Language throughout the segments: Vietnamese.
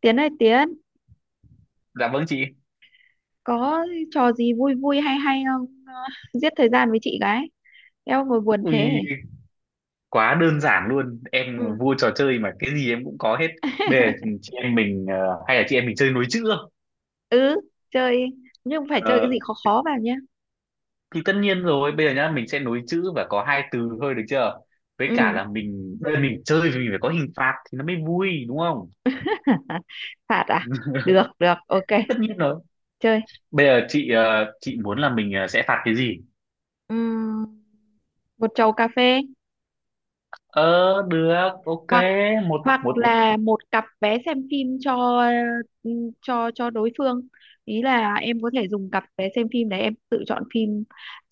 Tiến ơi, Tiến, Dạ vâng chị. có trò gì vui vui hay hay không? Ờ, giết thời gian với chị gái, eo ngồi buồn thế. Ui, quá đơn giản luôn. Em Ừ. là vua trò chơi mà cái gì em cũng có hết. Bây giờ chị em mình hay là chị em mình chơi nối chữ không? Ừ, chơi. Nhưng phải chơi cái gì Ờ, khó khó vào nhé. thì tất nhiên rồi, bây giờ nhá, mình sẽ nối chữ và có hai từ thôi được chưa? Với Ừ. cả là mình bây giờ mình chơi thì mình phải có hình phạt thì nó mới vui đúng không? Phạt à? Được được, Thì ok. tất nhiên rồi. Chơi. Bây giờ chị chị muốn là mình sẽ phạt cái gì? Ừ, một chầu cà phê, Ờ được, ok, hoặc một hoặc một là một cặp vé xem phim cho, ừ, cho đối phương. Ý là em có thể dùng cặp vé xem phim đấy, em tự chọn phim.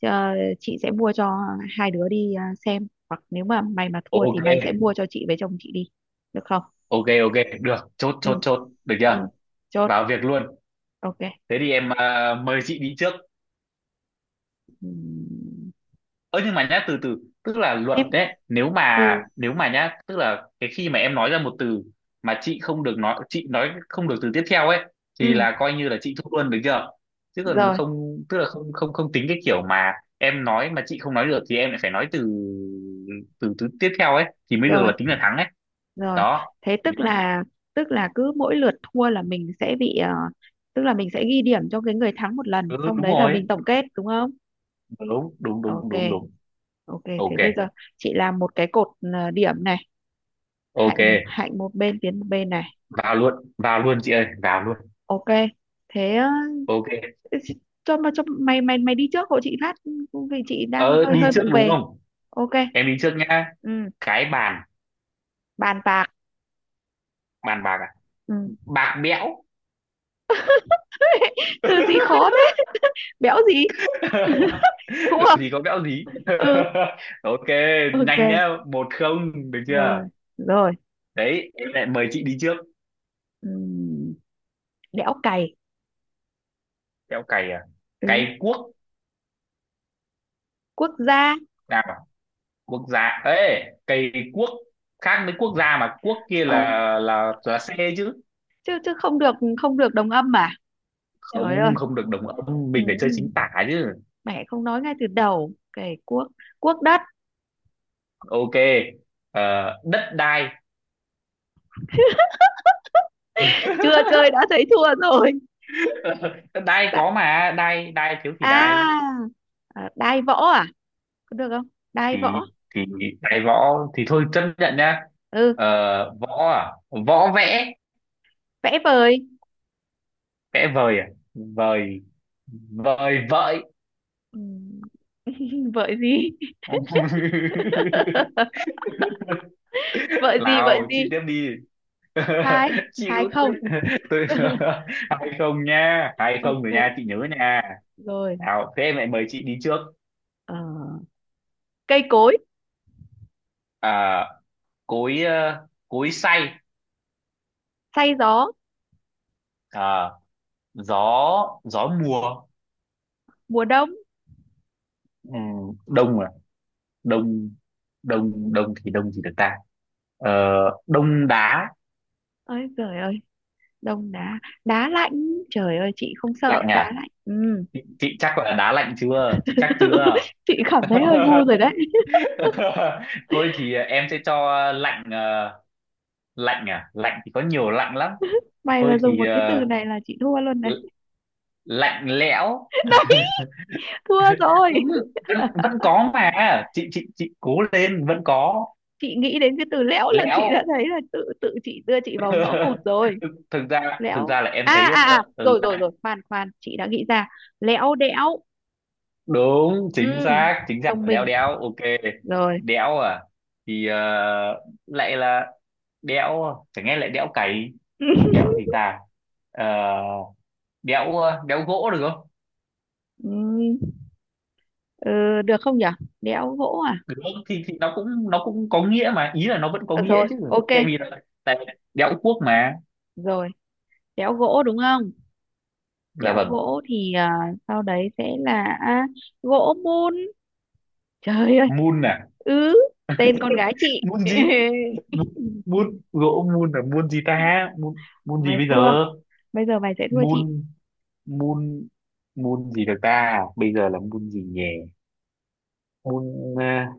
ờ, chị sẽ mua cho hai đứa đi, xem. Hoặc nếu mà mày mà thua thì ok, mày sẽ mua cho chị với chồng chị đi, được không? ok ok, được, chốt Ừ, chốt chốt, được ừ, chưa? chốt. Vào việc luôn. Ok. Thế thì em mời chị đi trước. Ừm, Ơ nhưng mà nhá, từ từ, tức là luật em. đấy, nếu mà Ừ, nếu mà nhá, tức là cái khi mà em nói ra một từ mà chị không được nói, chị nói không được từ tiếp theo ấy thì ừ, là coi như là chị thua luôn, được chưa? Chứ còn rồi, không tức là không không không tính cái kiểu mà em nói mà chị không nói được thì em lại phải nói từ từ từ tiếp theo ấy thì mới được rồi, là tính là thắng ấy, rồi. đó. Thế tức là, cứ mỗi lượt thua là mình sẽ bị, tức là mình sẽ ghi điểm cho cái người thắng một lần, Ừ, xong đúng đấy là rồi, mình tổng kết, đúng không? đúng đúng Ok, đúng đúng đúng ok, thế Ok bây giờ chị làm một cái cột, điểm này, hạnh ok, hạnh một bên, Tiến một bên này. Vào luôn chị ơi, vào luôn. Ok. Thế, Ok. Cho mày mày mày đi trước hộ chị phát, vì chị đang Ờ hơi Đi hơi trước vụng đúng về. không? Ok. Em đi trước nhá. Ừ, Cái bàn. bàn bạc. Bàn bạc à? Ừ. Bạc bẽo. Từ gì khó thế? Béo gì? Thua. Làm gì có bẽo gì. Ừ, Ok, nhanh ok. nhá, một không được chưa? Rồi, rồi. Đấy, em lại mời chị đi trước. Ừm, đẽo cày. Theo cày à? Ừ. Cày quốc. Quốc gia. Nào, quốc gia, ê, cày quốc khác với quốc gia, mà quốc kia là, ờ, là xe chứ. chứ chứ không được, không được đồng âm mà. Trời ơi. Không, không được đồng âm, Ừ. mình phải chơi chính tả chứ. Mẹ không nói ngay từ đầu cày quốc. Quốc đất. Ok. Đất đai. Chưa chơi đã thấy thua rồi. Đất đai Đã- có mà đai đai, thiếu thì đai. À, đai võ à, có được không đai thì võ? thì đáy võ thì thôi, chấp nhận nhá. Ừ, Võ à? Võ vẽ. vẽ vời. Vẽ vời à? Vời. Vời vợi. Ừ. Vợi gì? Vợi gì, vợi Lào chị gì? tiếp đi. Hai hai Chịu không. tôi. Tôi. Hai không nha, hai không rồi nha, Ok, chị nhớ nha. rồi. Nào, thế em lại mời chị đi trước. ờ, cây cối. À, cối, cối xay. Say gió. À, gió, gió mùa. Mùa đông. Ừ, đông à? Đông. Đông đông thì đông gì được ta? ờ, đông đá. Ơi trời ơi, đông đá. Đá lạnh. Trời ơi, chị không sợ Lạnh à? đá lạnh. Ừ. Chị chắc là đá lạnh chưa, chị chắc chưa? Chị cảm thấy hơi ngu rồi đấy. Thôi thì em sẽ cho lạnh. Ờ, Lạnh à? Lạnh thì có nhiều lạnh lắm. Mày Thôi mà dùng thì, một cái từ này là chị thua luôn này. l- lạnh lẽo. Đấy, thua rồi. Đúng. Vẫn có mà, chị cố lên, vẫn có. Chị nghĩ đến cái từ lẽo là chị Lẽo. đã thấy là tự tự chị đưa chị vào ngõ cụt rồi. thực thực Lẽo. ra là em À thấy, à à, ờ, rồi rồi rồi, khoan khoan, chị đã nghĩ ra. Lẽo đẽo. đúng, chính Ừ. xác chính xác, Thông léo minh. đéo, ok. Rồi. Đéo à? Thì lại là đéo, chẳng nghe lại đéo cày. Đéo gì ta? Ờ, đéo, đéo gỗ được không? Ừ. Ừ, được không nhở, đẽo gỗ à? Được không? Thì thì nó cũng có nghĩa mà, ý là nó vẫn có Ờ, nghĩa rồi chứ. ok. Tại vì đéo cuốc mà. Rồi, đẽo gỗ đúng không? Là Đẽo vâng. gỗ thì, sau đấy sẽ là gỗ mun. Trời ơi. Mun à? Ứ. Tên con gái chị. Mun gì? Mun. Mun. Gỗ mun là mun gì ta? Mun. Mun gì Mày bây giờ? thua. Bây giờ mày sẽ thua Mun. chị Mun. Mun gì được ta, bây giờ là mun gì nhỉ? Môn à,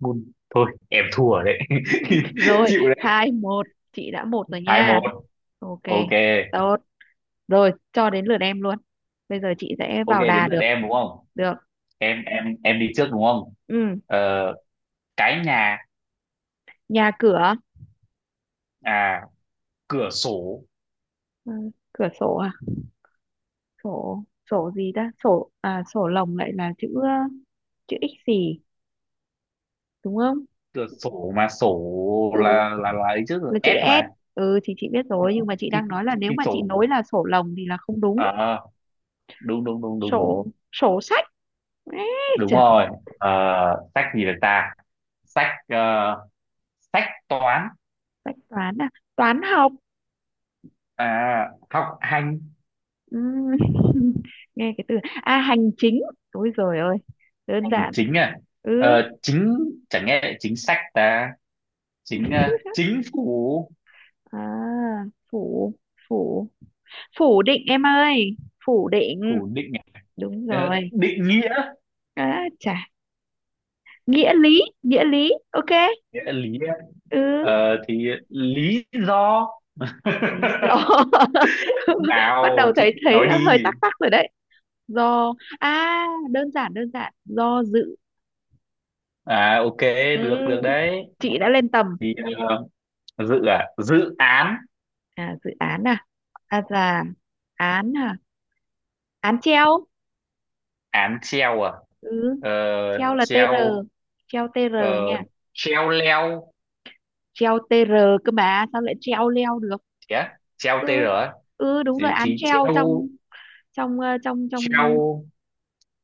môn. Thôi em thua đấy. rồi. Chịu đấy. 2-1. Chị đã một rồi Hai nha. một. Ok. Ok. Tốt. Rồi, cho đến lượt em luôn. Bây giờ chị sẽ Ok, vào đến đà lượt được. em đúng không? Được. Em đi trước đúng không? Ừ. ờ, cái nhà. Nhà cửa. À, cửa sổ. Ờ, cửa sổ à? Sổ. Sổ gì ta? Sổ à, sổ lồng lại là chữ chữ x gì, đúng không? Cửa sổ mà sổ Ừ, là, là ấy chứ, là chữ S S. mà. Ừ, thì chị biết rồi, nhưng mà chị thì đang nói là thì, nếu thì mà chị sổ, nối là sổ lồng thì là không đúng. ờ đúng đúng đúng đúng đúng Sổ. Sổ sách. Ê, Đúng trời, rồi. ờ, Sách gì được ta? Sách, sách toán. sách toán à? Toán học. À, học hành. Ừm, nghe cái từ, hành chính. Ôi giời ơi, đơn Hành giản. chính à? Ừ. Chính. Chẳng nghe lại chính sách ta. Chính, chính phủ. à, phủ, phủ, phủ định em ơi, phủ định. Phủ định à? Đúng rồi. Định nghĩa. À, chà, nghĩa lý, nghĩa lý, ok. Nghĩa là lý à? Ừ, Thì lý do. lý do. Bắt Nào đầu chị thấy thấy nói hơi đi. tắc tắc rồi đấy. Do à? Đơn giản, đơn giản, do dự. À, ok, Ừ. được được đấy. Chị đã lên tầm. Thì, dự à, dự án. À, dự án À, là án à, án treo. Án treo à? Ừ, ờ, treo là tr. Dạ. Treo, Treo tr ờ, nha, treo leo. treo tr, cơ mà sao lại treo leo được? Thế á? Treo tr. Ừ, Á? ừ, đúng rồi, thì, án thì treo, treo. trong, trong ờ, trong trong. Treo.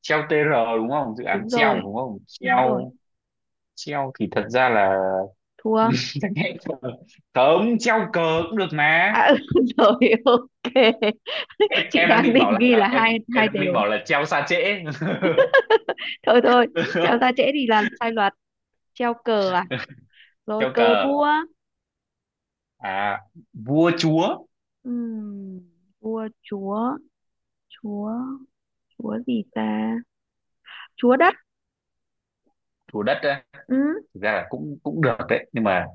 Treo TR, đúng không, dự án Đúng treo mà, rồi, đúng không? đúng rồi. Treo. Treo thì thật ra là. Thua Cấm treo cờ cũng được mà. à? Ừ, rồi ok. em Chị em đang đang định bảo định ghi là là em hai em hai đang định đều. bảo là treo xa trễ. Thôi thôi. Treo ra trễ thì là sai luật. Treo cờ à? Rồi, Treo cờ cờ vua. à? Vua chúa. Ừm, vua chúa. Chúa. Chúa gì ta? Chúa đất. Chúa đất á? Ừ, Thực ra là cũng cũng được đấy, nhưng mà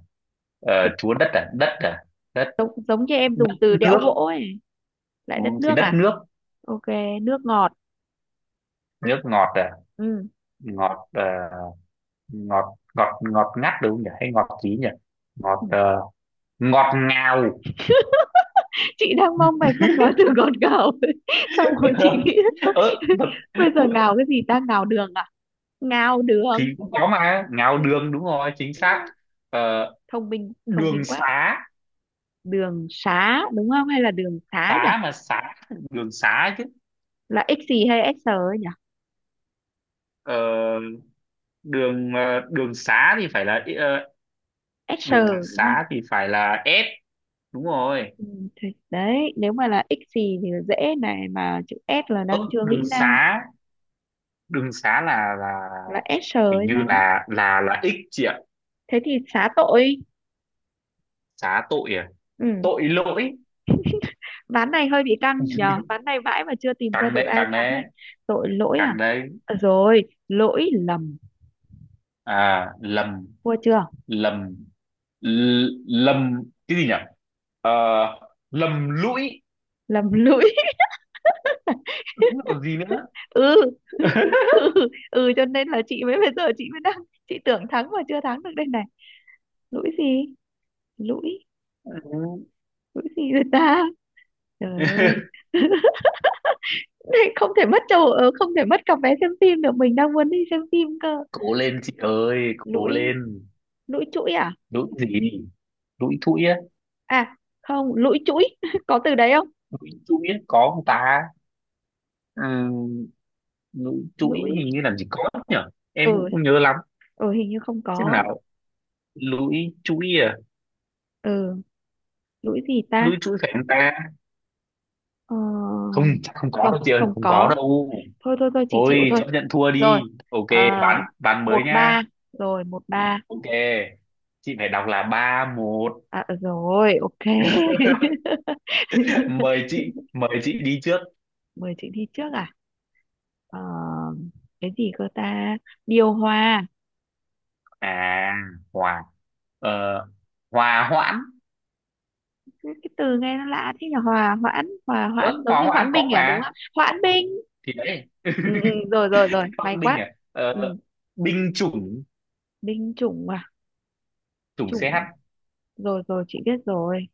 ờ, thì chúa đất à, đất à? Đất. giống giống như em dùng Đất từ đẽo nước. gỗ ấy. Ừ, Lại đất thì nước đất à? nước. Ok. Nước ngọt. Nước ngọt à? Ừ. Ngọt, ngọt, ngọt ngọt ngắt đúng không nhỉ, hay ngọt gì nhỉ? Ngọt, ngọt ngào. Chị đang mong mày không nói từ ngọt ngào. Xong rồi chị nghĩ. Ơ thật. Bây giờ ngào cái gì ta, ngào đường à? Ngào đường. Thì cũng có mà, ngào Đúng, đường đúng rồi, chính đúng xác. rồi. ờ, Thông minh, thông minh đường quá. xá. Đường xá đúng không, hay là đường xá nhỉ? Xá mà xá, đường xá chứ. Là x gì hay s nhỉ? ờ, Đường, đường xá thì phải là, S đường đúng không? xá thì phải là S, đúng rồi. Ừ, thì đấy, nếu mà là x gì thì là dễ, này mà chữ S là Ơ đang chưa đường nghĩ ra, xá, đường xá là là S sờ hình hay như sao á. là X chị ạ. Thế thì xá tội. Xá tội à? Ừ. Tội lỗi. Ván này hơi bị căng nhờ, ván này vãi mà chưa tìm ra Càng được đấy, ai càng thắng đấy, này. Tội lỗi à? càng đấy. Ờ, rồi, lỗi lầm. À, lầm. Thua chưa? Lầm. Lầm. Cái gì nhỉ? Ờ, lầm lũi. Lầm lũi. Đúng, là còn gì nữa. Ừ. Ừ, ừ, cho nên là chị mới, bây giờ chị mới đang, chị tưởng thắng mà chưa thắng được đây này. Lũi gì? Lũi. Ừ. Lũi gì rồi ta? Trời ơi. không thể mất chỗ ờ, không thể mất cặp vé xem phim được, mình đang muốn đi xem phim cơ. Cố lên chị ơi, cố Lũi. lên. Lũi chuỗi à? Lũi gì? Lũi thũi á? À không, lũi chuỗi, có từ đấy không? Lũi thũi á, có không ta? Ừ, lũi thũi Lũi. hình như làm gì có nhỉ? Em Ừ, cũng không nhớ lắm. ừ, hình như không Xem có. nào, lũi thũi à? Ừ, lũi gì ta? Lũi thũi phải không ta? ờ, Không, chắc không có không, đâu chị ơi, không không có có. đâu. Thôi thôi thôi, chị chịu Thôi thôi. chấp nhận thua Rồi. đi, ok. bán À, bán mới một nhá. ba Rồi, 1-3. Ok. Chị phải đọc là ba một. À, ờ, rồi ok. Mời chị, mời chị đi trước. Mời chị đi trước à? Ờ, cái gì cơ ta? Điều hòa. À, hòa, ờ, hòa hoãn. Cái từ nghe nó lạ thế nhỉ, hòa hoãn, hòa hoãn Ớ giống hòa như hoãn hoãn có binh à, đúng mà. không, hoãn binh. Thì đấy. Ừ, ừ, rồi rồi rồi, may Phong binh quá. à? Ừ, Ờ, Binh chủng. binh chủng à? Chủng Chủng. CH. Rồi rồi, chị biết rồi.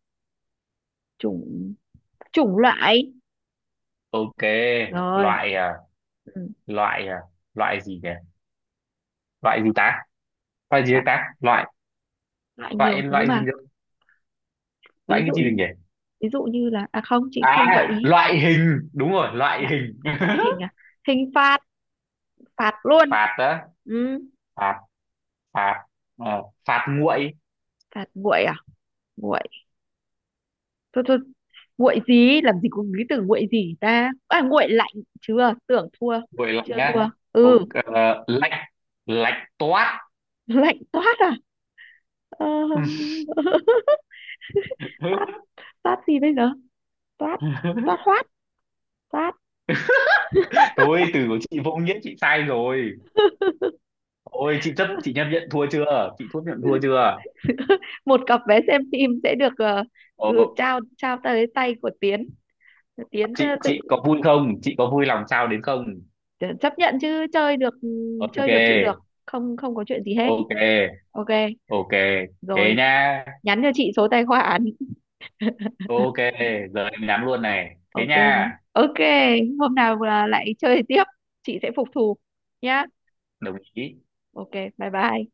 Chủng. Chủng loại. Ok. Rồi. Loại à, Ừ, loại à, loại gì nhỉ? Loại gì ta, loại gì loại, ta? Loại. loại nhiều Loại. thứ Loại mà. gì được? Loại ví dụ cái gì được như nhỉ? ví dụ như là, à không, chị không gợi À, ý. loại hình đúng rồi, loại Lại hình loại hình à? Hình phạt. Phạt luôn. phạt, đó. Ừ, Phạt. Phạt, phạt nguội. phạt nguội à? Nguội. Thôi thôi, nguội gì, làm gì có cái từ nguội gì ta, à nguội lạnh. Chưa, tưởng thua. Nguội lạnh Chưa á? thua. Ừ. Ok, lạnh. Lạnh toát. Lạnh toát à? ờ, toát. Toát gì bây giờ? Toát. Toát hoát. Toát. Thôi từ của chị vô nghĩa, chị sai rồi. Ôi chị chấp, chị chấp nhận thua chưa? Chị thua, nhận thua chưa? Một cặp vé xem phim sẽ được, Ờ, ừ, trao trao tới tay của Tiến. Tiến, chị tự, chị có vui không? Chị có vui lòng sao đến không? ờ, chấp nhận chứ, chơi được. Ừ, Ok, chơi được, chịu được. Không, không có chuyện gì hết. ok, Ok. ok. Thế Rồi. nha. Nhắn cho chị số tài khoản. Ok, giờ em nhắn luôn này. Thế Ok nhé. nha. Ok. Hôm nào là lại chơi tiếp, chị sẽ phục thù nhá. Đồng ý. Ok. Bye bye.